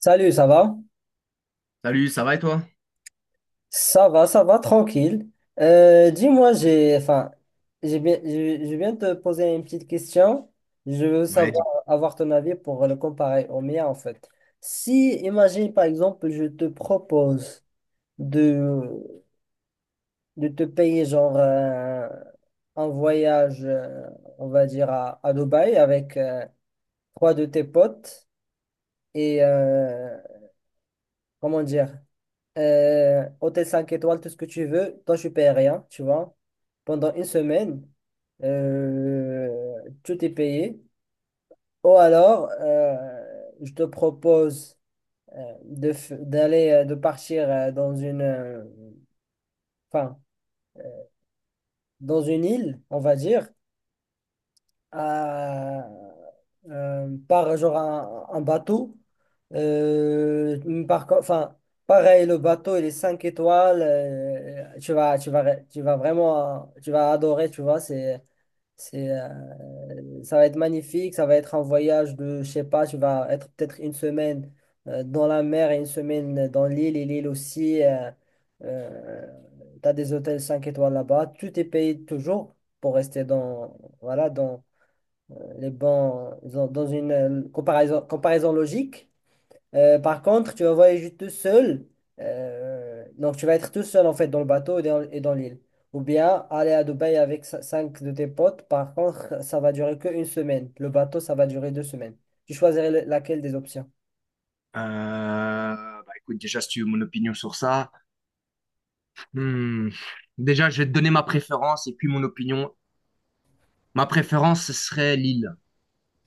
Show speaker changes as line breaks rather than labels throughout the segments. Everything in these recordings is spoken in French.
Salut, ça va?
Salut, ça va et toi?
Ça va, ça va, tranquille. Dis-moi, enfin, j'ai bien, je viens de te poser une petite question. Je veux
Ouais,
savoir,
dis-
avoir ton avis pour le comparer au mien, en fait. Si, imagine, par exemple, je te propose de, de te payer, genre, un voyage, on va dire, à Dubaï avec trois de tes potes et, comment dire? Hôtel 5 étoiles, tout ce que tu veux. Toi, tu payes rien, tu vois. Pendant une semaine, euh, tout est payé. Ou alors, je te propose d'aller, de partir enfin, dans une île, on va dire. à- Par genre un bateau. Enfin, pareil, le bateau, il est 5 étoiles. Tu vas vraiment, tu vas adorer, tu vois. Ça va être magnifique. Ça va être un voyage de, je sais pas, tu vas être peut-être une semaine dans la mer et une semaine dans l'île. Et l'île aussi, tu as des hôtels 5 étoiles là-bas. Tout est payé toujours pour rester dans, voilà, dans, les bons dans dans une comparaison, comparaison logique. Par contre, tu vas voyager tout seul. Donc, tu vas être tout seul en fait dans le bateau et et dans l'île. Ou bien aller à Dubaï avec cinq de tes potes. Par contre, ça va durer qu'une semaine. Le bateau, ça va durer 2 semaines. Tu choisirais laquelle des options?
euh, Bah écoute, déjà, si tu veux mon opinion sur ça, hmm, déjà, je vais te donner ma préférence et puis mon opinion. Ma préférence, ce serait l'île,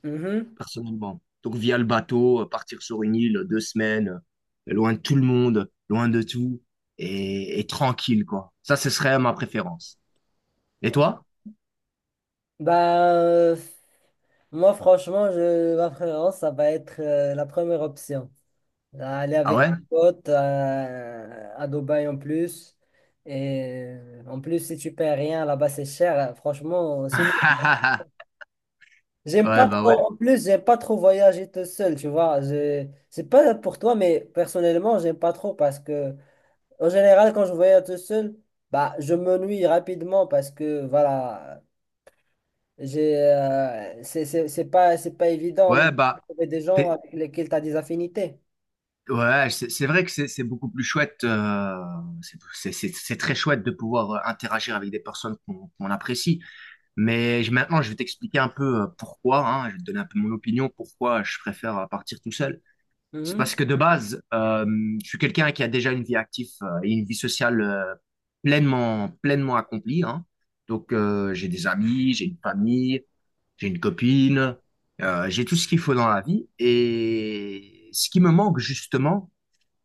Mhm.
personnellement. Donc, via le bateau, partir sur une île, deux semaines, loin de tout le monde, loin de tout, et tranquille, quoi. Ça, ce serait ma préférence. Et toi?
Bah, moi, franchement, ma préférence, ça va être la première option. Aller
Ah
avec des
ouais?
potes à Dubaï en plus. Et en plus, si tu payes rien là-bas, c'est cher, hein. Franchement, c'est mieux. J'aime
Ouais,
pas
bah ouais.
trop, en plus, j'aime pas trop voyager tout seul, tu vois. C'est pas pour toi, mais personnellement, j'aime pas trop parce que, en général, quand je voyage tout seul, bah, je m'ennuie rapidement parce que, voilà, j'ai, c'est pas évident de
Ouais, bah,
trouver des gens
t'es-
avec lesquels tu as des affinités.
Ouais, c'est vrai que c'est beaucoup plus chouette. C'est très chouette de pouvoir interagir avec des personnes qu'on apprécie. Maintenant, je vais t'expliquer un peu pourquoi. Hein, je vais te donner un peu mon opinion pourquoi je préfère partir tout seul. C'est parce
Mhm.
que de base, je suis quelqu'un qui a déjà une vie active et une vie sociale pleinement accomplie. Hein. Donc, j'ai des amis, j'ai une famille, j'ai une copine, j'ai tout ce qu'il faut dans la vie. Et ce qui me manque justement,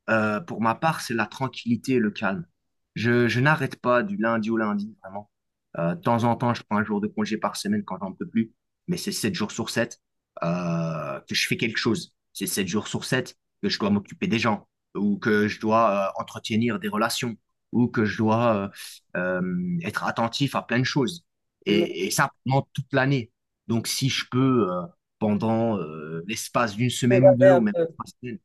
pour ma part, c'est la tranquillité et le calme. Je n'arrête pas du lundi au lundi, vraiment. De temps en temps, je prends un jour de congé par semaine quand j'en peux plus, mais c'est sept jours sur 7 que je fais quelque chose. C'est 7 jours sur 7 que je dois m'occuper des gens, ou que je dois entretenir des relations, ou que je dois être attentif à plein de choses.
Mm.
Et ça pendant toute l'année. Donc si je peux, pendant l'espace d'une semaine ou
Évader
deux, ou
un
même
peu.
trois semaines,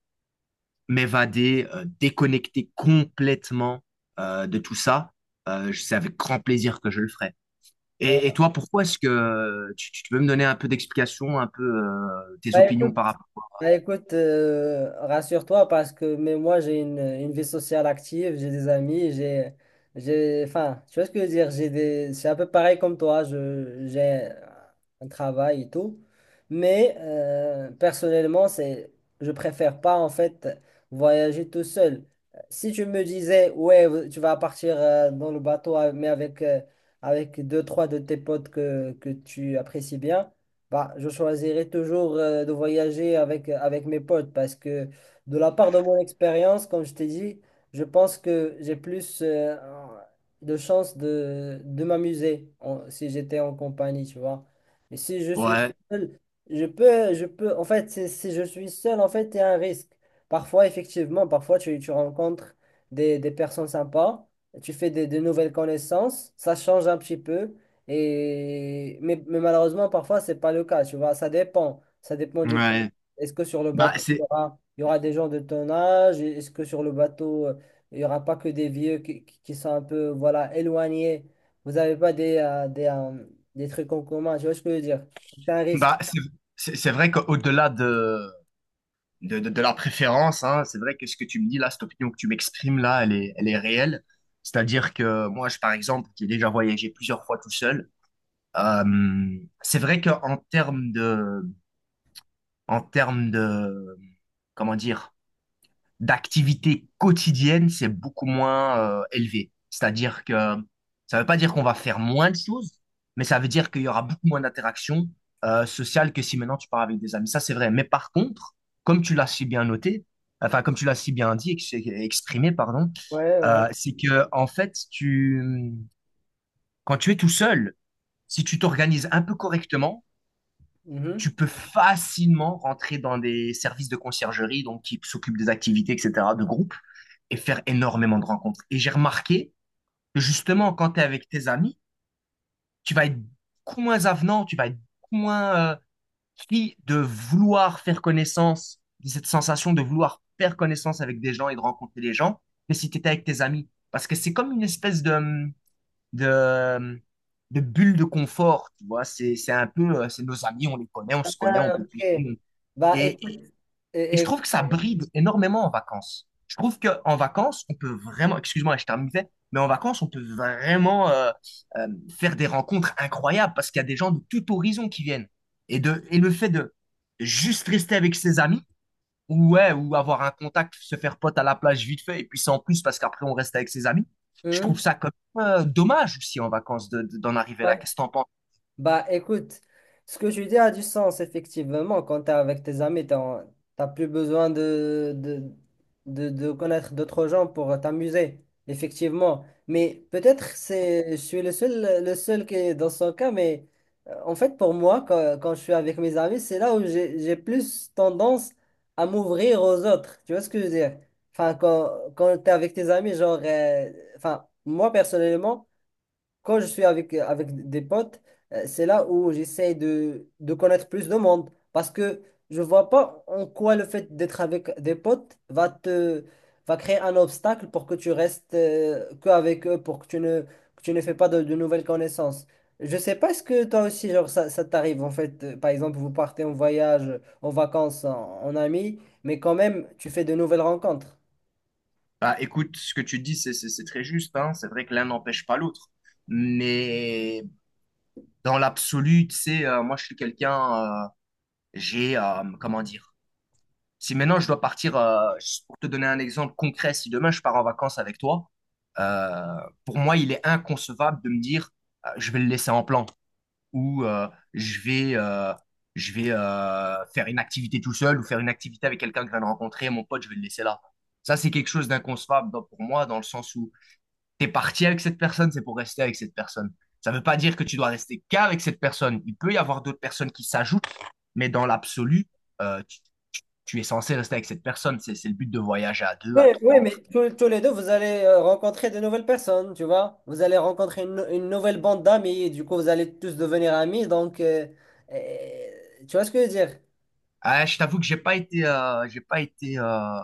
m'évader, déconnecter complètement de tout ça, c'est avec grand plaisir que je le ferai.
euh,
Et toi, pourquoi est-ce que tu peux me donner un peu d'explication, un peu tes
Bah
opinions
écoute,
par rapport?
Bah écoute, rassure-toi parce que mais moi j'ai une vie sociale active, j'ai des amis, j'ai enfin, tu vois ce que je veux dire, j'ai des c'est un peu pareil comme toi, je j'ai un travail et tout, mais personnellement, c'est je préfère pas en fait voyager tout seul. Si tu me disais ouais, tu vas partir dans le bateau mais avec deux trois de tes potes que tu apprécies bien, bah, je choisirais toujours de voyager avec mes potes parce que de la part de mon expérience, comme je t'ai dit, je pense que j'ai plus de chances de m'amuser si j'étais en compagnie, tu vois. Et si je suis
Ouais,
seul, je peux, en fait, si je suis seul, en fait, il y a un risque. Parfois, effectivement, parfois, tu rencontres des personnes sympas, tu fais de nouvelles connaissances, ça change un petit peu. Mais malheureusement, parfois, c'est pas le cas, tu vois, ça dépend. Ça dépend du...
ouais.
Est-ce que sur le
Bah,
bateau,
c'est
il y aura des gens de ton âge? Est-ce que sur le bateau, il n'y aura pas que des vieux qui sont un peu, voilà, éloignés? Vous n'avez pas des trucs en commun, tu vois ce que je veux dire? C'est un risque.
bah, c'est c'est vrai qu'au-delà de, de la préférence, hein, c'est vrai que ce que tu me dis là, cette opinion que tu m'exprimes là, elle est réelle. C'est-à-dire que moi, je, par exemple, qui ai déjà voyagé plusieurs fois tout seul, c'est vrai qu'en termes de, en termes de, comment dire, d'activité quotidienne, c'est beaucoup moins élevé. C'est-à-dire que ça ne veut pas dire qu'on va faire moins de choses, mais ça veut dire qu'il y aura beaucoup moins d'interactions sociales que si maintenant tu pars avec des amis. Ça, c'est vrai. Mais par contre, comme tu l'as si bien noté, enfin, comme tu l'as si bien dit, exprimé, pardon,
Ouais, ouais.
c'est que, en fait, tu, quand tu es tout seul, si tu t'organises un peu correctement, tu
Mhm.
peux facilement rentrer dans des services de conciergerie, donc qui s'occupent des activités, etc., de groupe, et faire énormément de rencontres. Et j'ai remarqué que justement, quand tu es avec tes amis, tu vas être beaucoup moins avenant, tu vas être beaucoup moins pris de vouloir faire connaissance, de cette sensation de vouloir faire connaissance avec des gens et de rencontrer les gens, que si tu étais avec tes amis. Parce que c'est comme une espèce de, de bulle de confort, tu vois. C'est un peu, c'est nos amis, on les connaît, on se connaît, on
Ah,
peut tous,
ok. Bah,
et,
écoute.
et
et-
je
et-
trouve que ça bride énormément en vacances. Je trouve qu'en vacances, on peut vraiment, excuse-moi, je terminais, mais en vacances, on peut vraiment euh, faire des rencontres incroyables parce qu'il y a des gens de tout horizon qui viennent. Et, de, et le fait de juste rester avec ses amis, ou, ouais, ou avoir un contact, se faire pote à la plage vite fait, et puis c'est en plus parce qu'après on reste avec ses amis, je trouve
Hmm?
ça quand même dommage aussi en vacances d'en arriver là.
Ouais.
Qu'est-ce que t'en penses?
Bah écoute, ce que tu dis a du sens, effectivement. Quand t'es avec tes amis, tu t'as plus besoin de connaître d'autres gens pour t'amuser, effectivement. Mais peut-être je suis le seul qui est dans son cas, mais en fait, pour moi, quand je suis avec mes amis, c'est là où j'ai plus tendance à m'ouvrir aux autres. Tu vois ce que je veux dire? Enfin, quand t'es avec tes amis, genre, enfin, moi personnellement, quand je suis avec des potes, c'est là où j'essaie de connaître plus de monde. Parce que je vois pas en quoi le fait d'être avec des potes va créer un obstacle pour que tu restes que avec eux, pour que tu ne fais pas de nouvelles connaissances. Je sais pas, est-ce que toi aussi, genre, ça t'arrive en fait, par exemple, vous partez en voyage, en vacances, en amis, mais quand même, tu fais de nouvelles rencontres.
Bah, écoute, ce que tu dis, c'est très juste, hein. C'est vrai que l'un n'empêche pas l'autre. Mais dans l'absolu, tu sais, moi, je suis quelqu'un, j'ai, comment dire, si maintenant je dois partir, pour te donner un exemple concret, si demain je pars en vacances avec toi, euh, pour moi, il est inconcevable de me dire, je vais le laisser en plan ou je vais, euh, je vais faire une activité tout seul ou faire une activité avec quelqu'un que je viens de rencontrer, mon pote, je vais le laisser là. Ça, c'est quelque chose d'inconcevable pour moi, dans le sens où t'es parti avec cette personne, c'est pour rester avec cette personne. Ça ne veut pas dire que tu dois rester qu'avec cette personne. Il peut y avoir d'autres personnes qui s'ajoutent, mais dans l'absolu, tu, tu es censé rester avec cette personne. C'est le but de voyager à deux, à
Oui,
trois.
mais
Entre...
tous les deux, vous allez rencontrer de nouvelles personnes, tu vois. Vous allez rencontrer une nouvelle bande d'amis, et du coup, vous allez tous devenir amis. Donc, tu vois ce que je veux dire?
Ah, je t'avoue que j'ai pas été, j'ai pas été,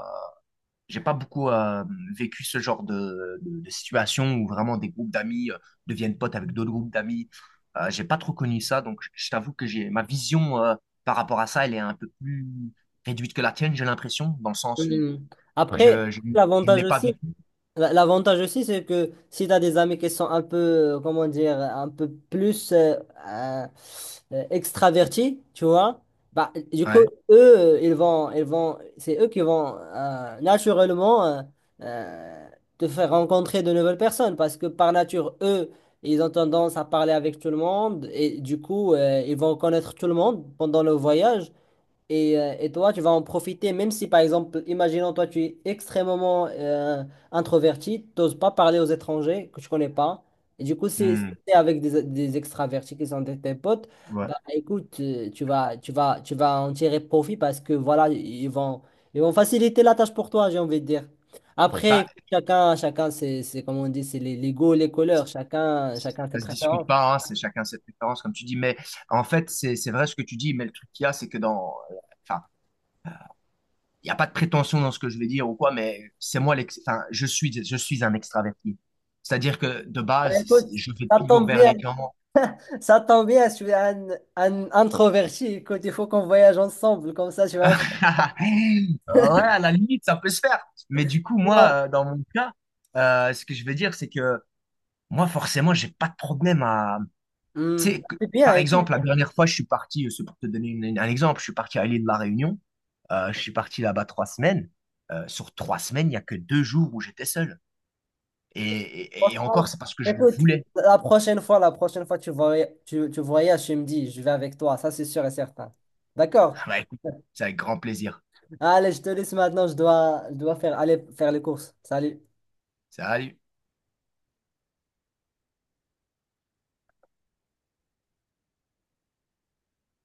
j'ai pas beaucoup vécu ce genre de situation où vraiment des groupes d'amis deviennent potes avec d'autres groupes d'amis. J'ai pas trop connu ça, donc je t'avoue que j'ai ma vision par rapport à ça, elle est un peu plus réduite que la tienne, j'ai l'impression, dans le sens où
Mhm. Après,
Je, je, je ne
l'avantage
l'ai pas
aussi,
vécu.
L'avantage aussi, c'est que si tu as des amis qui sont un peu, comment dire, un peu plus euh, extravertis, tu vois, bah, du coup,
Ouais.
eux, ils vont, c'est eux qui vont naturellement euh, te faire rencontrer de nouvelles personnes parce que par nature, eux, ils ont tendance à parler avec tout le monde et du coup, ils vont connaître tout le monde pendant le voyage. Et toi, tu vas en profiter, même si par exemple, imaginons toi, tu es extrêmement introverti, tu n'oses pas parler aux étrangers que tu connais pas. Et du coup,
Hmm.
c'est avec des extravertis qui sont tes potes.
Ouais.
Bah écoute, tu vas en tirer profit parce que voilà, ils vont faciliter la tâche pour toi, j'ai envie de dire. Après,
Bah,
écoute, chacun, c'est comme on dit, c'est les goûts, les couleurs, chacun ses
ça se discute
préférences.
pas, hein, c'est chacun ses préférences, comme tu dis. Mais en fait, c'est vrai ce que tu dis, mais le truc qu'il y a, c'est que dans. Enfin, il n'y a pas de prétention dans ce que je vais dire ou quoi, mais c'est moi l'ex. Enfin, je suis un extraverti. C'est-à-dire que de
Bah,
base,
écoute,
je vais
ça
toujours
tombe
vers
bien.
les gens.
Ça tombe bien, je suis un introverti. Écoute, il faut qu'on voyage ensemble, comme ça tu vas me faire.
Ouais, à la limite, ça peut se faire. Mais du coup,
Non.
moi, dans mon cas, ce que je veux dire, c'est que moi, forcément, j'ai pas de problème à
Hmm.
tu sais, que-
C'est bien,
par
écoute,
exemple, la dernière fois, je suis parti, c'est pour te donner un exemple, je suis parti à l'île de la Réunion. Je suis parti là-bas trois semaines. Sur trois semaines, il n'y a que deux jours où j'étais seul. Et, et encore,
franchement,
c'est parce que je le
écoute,
voulais.
la prochaine fois tu voyages, tu me dis, je vais avec toi, ça c'est sûr et certain. D'accord?
Bah, écoute, c'est avec grand plaisir.
Allez, je te laisse maintenant, je dois aller faire les courses. Salut.
Salut.